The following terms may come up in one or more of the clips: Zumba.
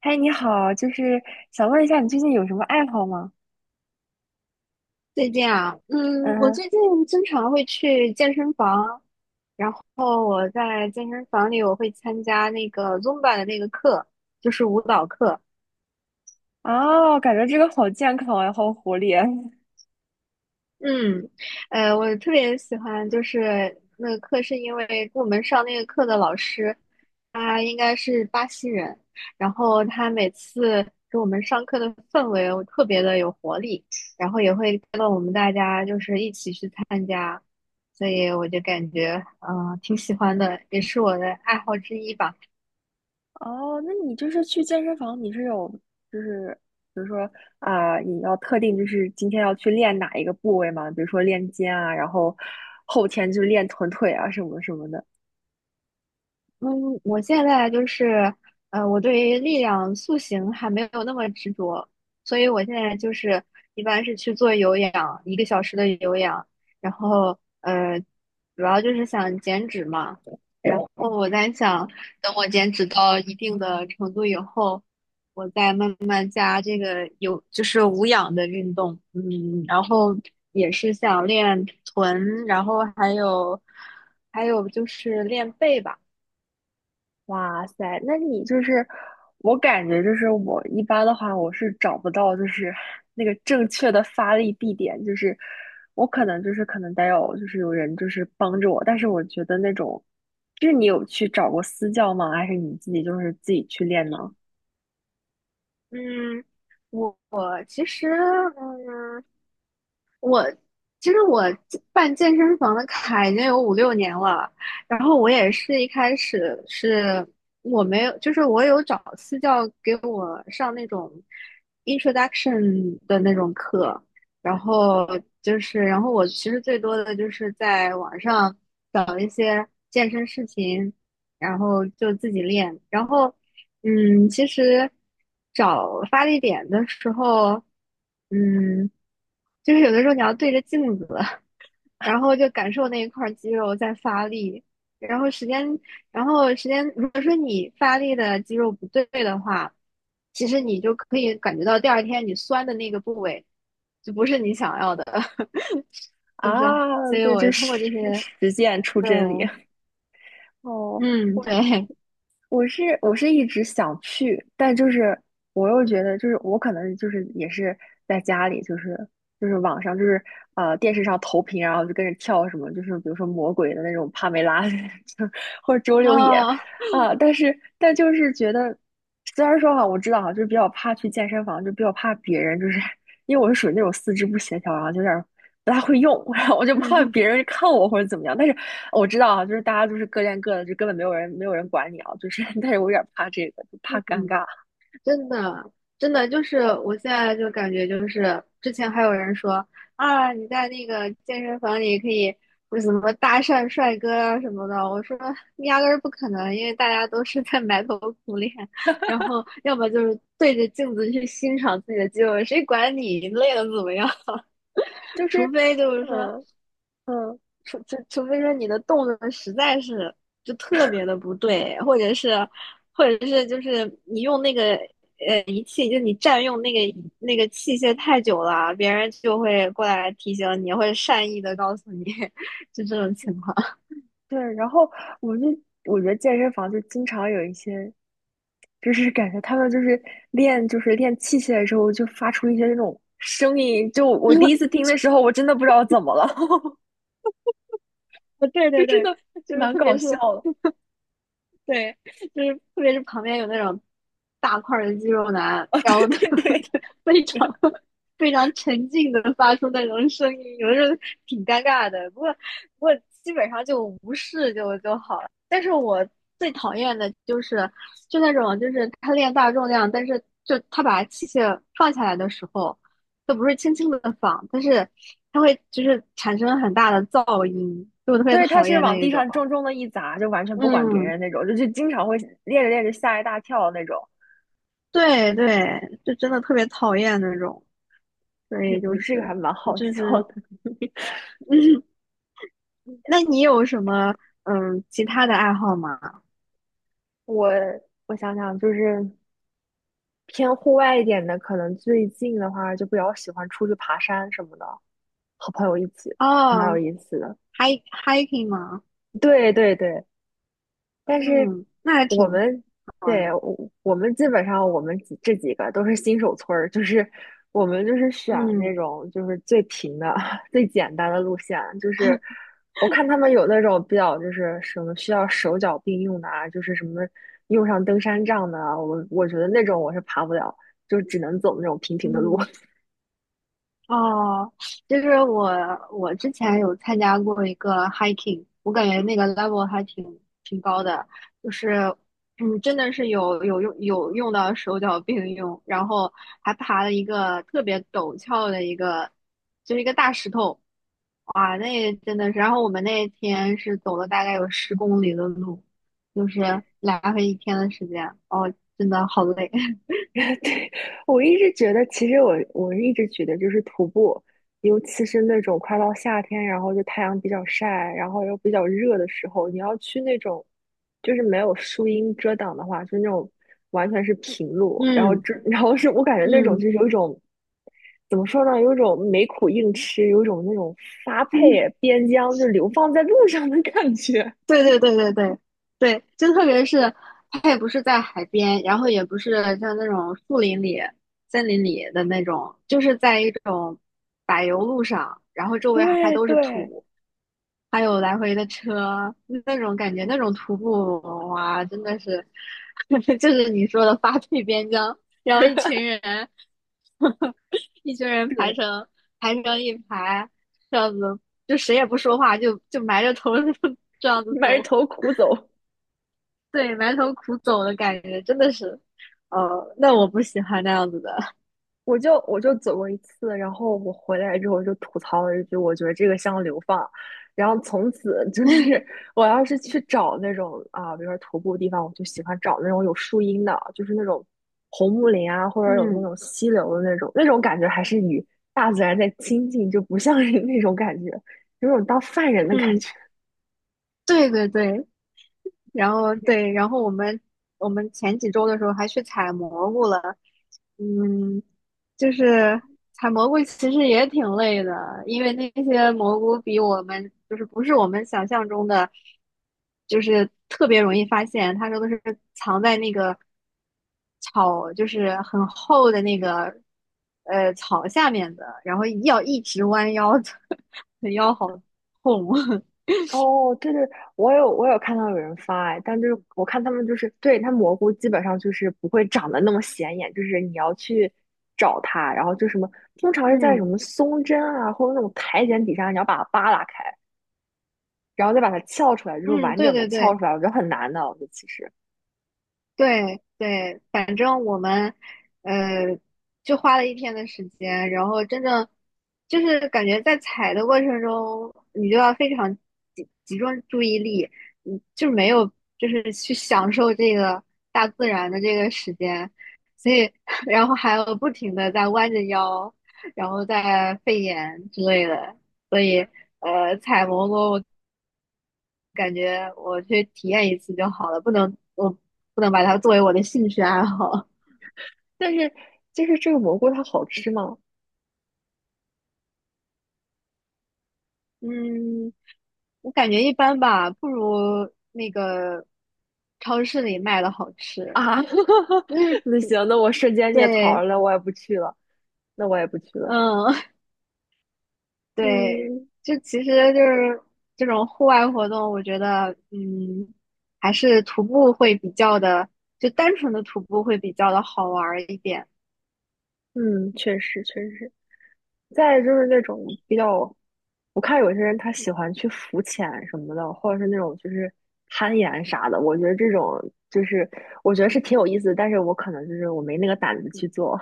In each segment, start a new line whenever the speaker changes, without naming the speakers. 嗨，你好，就是想问一下，你最近有什么爱好吗？
最近啊，我
嗯，
最近经常会去健身房，然后我在健身房里我会参加那个 Zumba 的那个课，就是舞蹈课。
哦，感觉这个好健康呀，好活力。
嗯，我特别喜欢就是那个课，是因为我们上那个课的老师，他应该是巴西人，然后他每次给我们上课的氛围我特别的有活力，然后也会带动我们大家就是一起去参加，所以我就感觉挺喜欢的，也是我的爱好之一吧。
哦，那你就是去健身房，你是有就是比如说啊、你要特定就是今天要去练哪一个部位吗？比如说练肩啊，然后后天就练臀腿啊什么什么的。
嗯，我现在就是，我对于力量塑形还没有那么执着，所以我现在就是一般是去做有氧，1个小时的有氧，然后主要就是想减脂嘛，然后我在想，等我减脂到一定的程度以后，我再慢慢加这个就是无氧的运动，然后也是想练臀，然后还有就是练背吧。
哇塞，那你就是，我感觉就是我一般的话，我是找不到就是那个正确的发力地点，就是我可能就是可能得有就是有人就是帮着我，但是我觉得那种，就是你有去找过私教吗？还是你自己就是自己去练呢？
嗯，我其实，其实我健身房的卡已经有5、6年了。然后我也是一开始是我没有，就是我有找私教给我上那种 introduction 的那种课，然后然后我其实最多的就是在网上找一些健身视频，然后就自己练。然后，其实找发力点的时候，嗯，就是有的时候你要对着镜子，然后就感受那一块儿肌肉在发力。然后时间，然后时间，如果说你发力的肌肉不对的话，其实你就可以感觉到第二天你酸的那个部位就不是你想要的，
啊，
就是，所以
对，
我通过这些，
实践出
对，
真理。哦，
嗯，
我。
对，
我是一直想去，但就是我又觉得，就是我可能就是也是在家里，就是网上就是电视上投屏，然后就跟着跳什么，就是比如说魔鬼的那种帕梅拉，就或者周六野
哦，
啊、但就是觉得，虽然说哈，我知道哈，就是比较怕去健身房，就比较怕别人，就是因为我是属于那种四肢不协调，然后就有点儿不大会用，然后我就怕
嗯
别人看我或者怎么样，但是我知道啊，就是大家就是各练各的，就根本没有人管你啊。就是，但是我有点怕这个，就怕
嗯。
尴尬。
真的，真的就是我现在就感觉就是，之前还有人说啊，你在那个健身房里可以不是什么搭讪帅哥啊什么的，我说压根儿不可能，因为大家都是在埋头苦练，然后要么就是对着镜子去欣赏自己的肌肉，谁管你累的怎么样？
就 是，
除非就是说
嗯嗯，
除除除非说你的动作实在是就特别的不对，或者是就是你用那个仪器，就你占用那个器械太久了，别人就会过来提醒你，或者善意的告诉你，就这种情况。
对。然后我就我觉得健身房就经常有一些，就是感觉他们就是练就是练器械的时候就发出一些那种声音，就我第一次 听的时候，我真的不知道怎么了，
对
就
对
真
对，
的
就是
蛮
特
搞
别是
笑的
对，就是特别是旁边有那种大块儿的肌肉男，
啊！对
然后他
对
们
对。
就非常非常沉静的发出那种声音，有的时候挺尴尬的。不过基本上就无视就就好了。但是我最讨厌的就是就那种就是他练大重量，但是就他把器械放下来的时候，都不是轻轻的放，但是他会就是产生很大的噪音，就我特别
对，他
讨
是
厌那
往
一
地
种。
上重重的一砸，就完全不管别
嗯，
人那种，就经常会练着练着吓一大跳那种。
对对，就真的特别讨厌那种，所
你
以
们这个还蛮好
就
笑
是，
的。
那你有什么其他的爱好吗？
我我想想，就是偏户外一点的，可能最近的话就比较喜欢出去爬山什么的，和朋友一起，蛮有
哦
意思的。
h i k hiking 吗？
对对对，但是
嗯，那还
我
挺
们
好
对
的。
我们基本上我们几这几个都是新手村儿，就是我们就是选那
嗯
种就是最平的、最简单的路线。就是我看他们有那种比较就是什么需要手脚并用的啊，就是什么用上登山杖的啊，我觉得那种我是爬不了，就只能走那种平平的路。
嗯。哦，就是我之前有参加过一个 hiking，我感觉那个 level 还挺高的，就是，真的是有用到手脚并用，然后还爬了一个特别陡峭的一个，就是一个大石头，哇，那真的是，然后我们那天是走了大概有10公里的路，就是来回一天的时间，哦，真的好累，
对，我一直觉得，其实我一直觉得，就是徒步，尤其是那种快到夏天，然后就太阳比较晒，然后又比较热的时候，你要去那种就是没有树荫遮挡的话，就那种完全是平路，然后
嗯
这 然后是我感觉那种
嗯，
就是有一种怎么说呢，有一种没苦硬吃，有一种那种发配边疆就流放在路上的感觉。
对对对对对对，就特别是它也不是在海边，然后也不是像那种树林里、森林里的那种，就是在一种柏油路上，然后 周围还
对
都是
对
土，还有来回的车，那种感觉，那种徒步哇，真的是，就是你说的发配边疆，然后一群人，一群人排
对，
成排成一排，这样子就谁也不说话，就埋着头 这样子
埋
走，
头苦走。
对，埋头苦走的感觉，真的是，哦，那我不喜欢那样子的，
我就走过一次，然后我回来之后就吐槽了一句，我觉得这个像流放。然后从此就是 我要是去找那种啊，比如说徒步地方，我就喜欢找那种有树荫的，就是那种红木林啊，或者有那
嗯
种溪流的那种，那种感觉还是与大自然在亲近，就不像是那种感觉，有种当犯人的感
嗯，
觉。
对对对，然后对，然后我们前几周的时候还去采蘑菇了，嗯，就是采蘑菇其实也挺累的，因为那些蘑菇比我们就是不是我们想象中的，就是特别容易发现，他说都是藏在那个草，就是很厚的那个草下面的，然后要一直弯腰的，腰好痛，
哦，对对，我有看到有人发哎，但就是我看他们就是对它蘑菇基本上就是不会长得那么显眼，就是你要去找它，然后就什么通 常是在什
嗯。
么松针啊或者那种苔藓底下，你要把它扒拉开，然后再把它撬出来，就是
嗯，
完
对
整的
对
撬
对，
出来，我觉得很难的，我觉得其实，
对对，呃，就花了一天的时间，然后真正就是感觉在采的过程中，你就要非常集中注意力，就没有就是去享受这个大自然的这个时间，所以 然后还有不停的在弯着腰，然后在肺炎之类的，所以采蘑菇我感觉我去体验一次就好了，不能我不能把它作为我的兴趣爱好。
但是就是这个蘑菇它好吃吗？
嗯，我感觉一般吧，不如那个超市里卖的好吃。
啊，
就是
那行，那我瞬间灭槽
对，
了，我也不去了，那我也不去了，
嗯，对，
嗯，
就其实就是这种户外活动，我觉得，还是徒步会比较的，就单纯的徒步会比较的好玩儿一点。
嗯，确实确实。再就是那种比较，我看有些人他喜欢去浮潜什么的，或者是那种就是攀岩啥的，我觉得这种就是我觉得是挺有意思的，但是我可能就是我没那个胆子去做。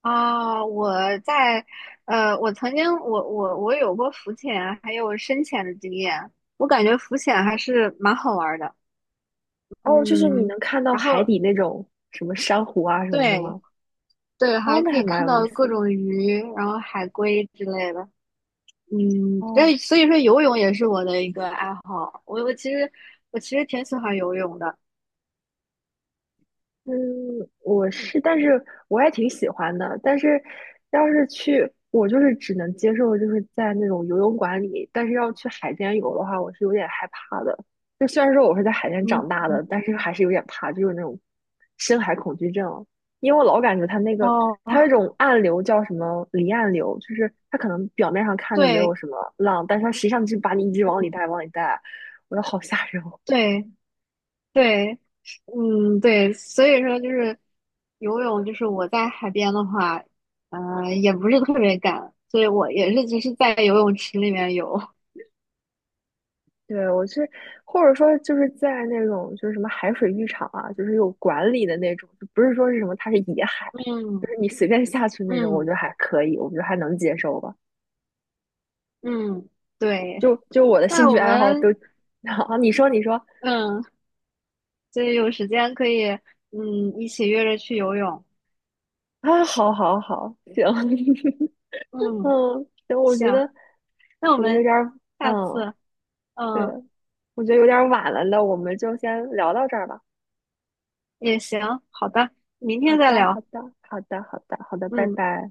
啊，我在，我曾经我我我有过浮潜还有深潜的经验，我感觉浮潜还是蛮好玩儿的。
哦，就是你
嗯，
能看到
然
海
后
底那种什么珊瑚啊什么的
对
吗？
对，还
哦，那
可
还
以
蛮
看
有意
到各
思的。
种鱼，然后海龟之类的。嗯，所
哦。
以所以说游泳也是我的一个爱好。我其实挺喜欢游泳的。
嗯，我是，但是我也挺喜欢的。但是，要是去，我就是只能接受，就是在那种游泳馆里。但是要去海边游的话，我是有点害怕的。就虽然说我是在海边长
嗯，
大的，但是还是有点怕，就是那种深海恐惧症。因为我老感觉它那个，
哦，
它有一种暗流叫什么离岸流，就是它可能表面上看着没有
对
什么浪，但是它实际上就把你一直往里带，往里带，我觉得好吓人哦
对对，嗯对，所以说就是游泳，就是我在海边的话，也不是特别敢，所以我也是只是在游泳池里面游。
对，我去，或者说就是在那种就是什么海水浴场啊，就是有管理的那种，就不是说是什么它是野海，就
嗯
是你随便下去那种，我觉
嗯
得还可以，我觉得还能接受吧。
嗯，对。
就我的兴
那
趣
我
爱好都，
们
啊，你说你说
嗯。所以有时间可以，一起约着去游泳。
啊，好好好，行，
嗯，
嗯，行，我
行，
觉得
那我
我觉得有
们
点儿，
下
嗯，
次，
对，
嗯，
我觉得有点儿晚了，那我们就先聊到这儿吧。
也行，好的，明
好
天再
的，好
聊。
的，好的，好的，好的，拜
嗯。
拜。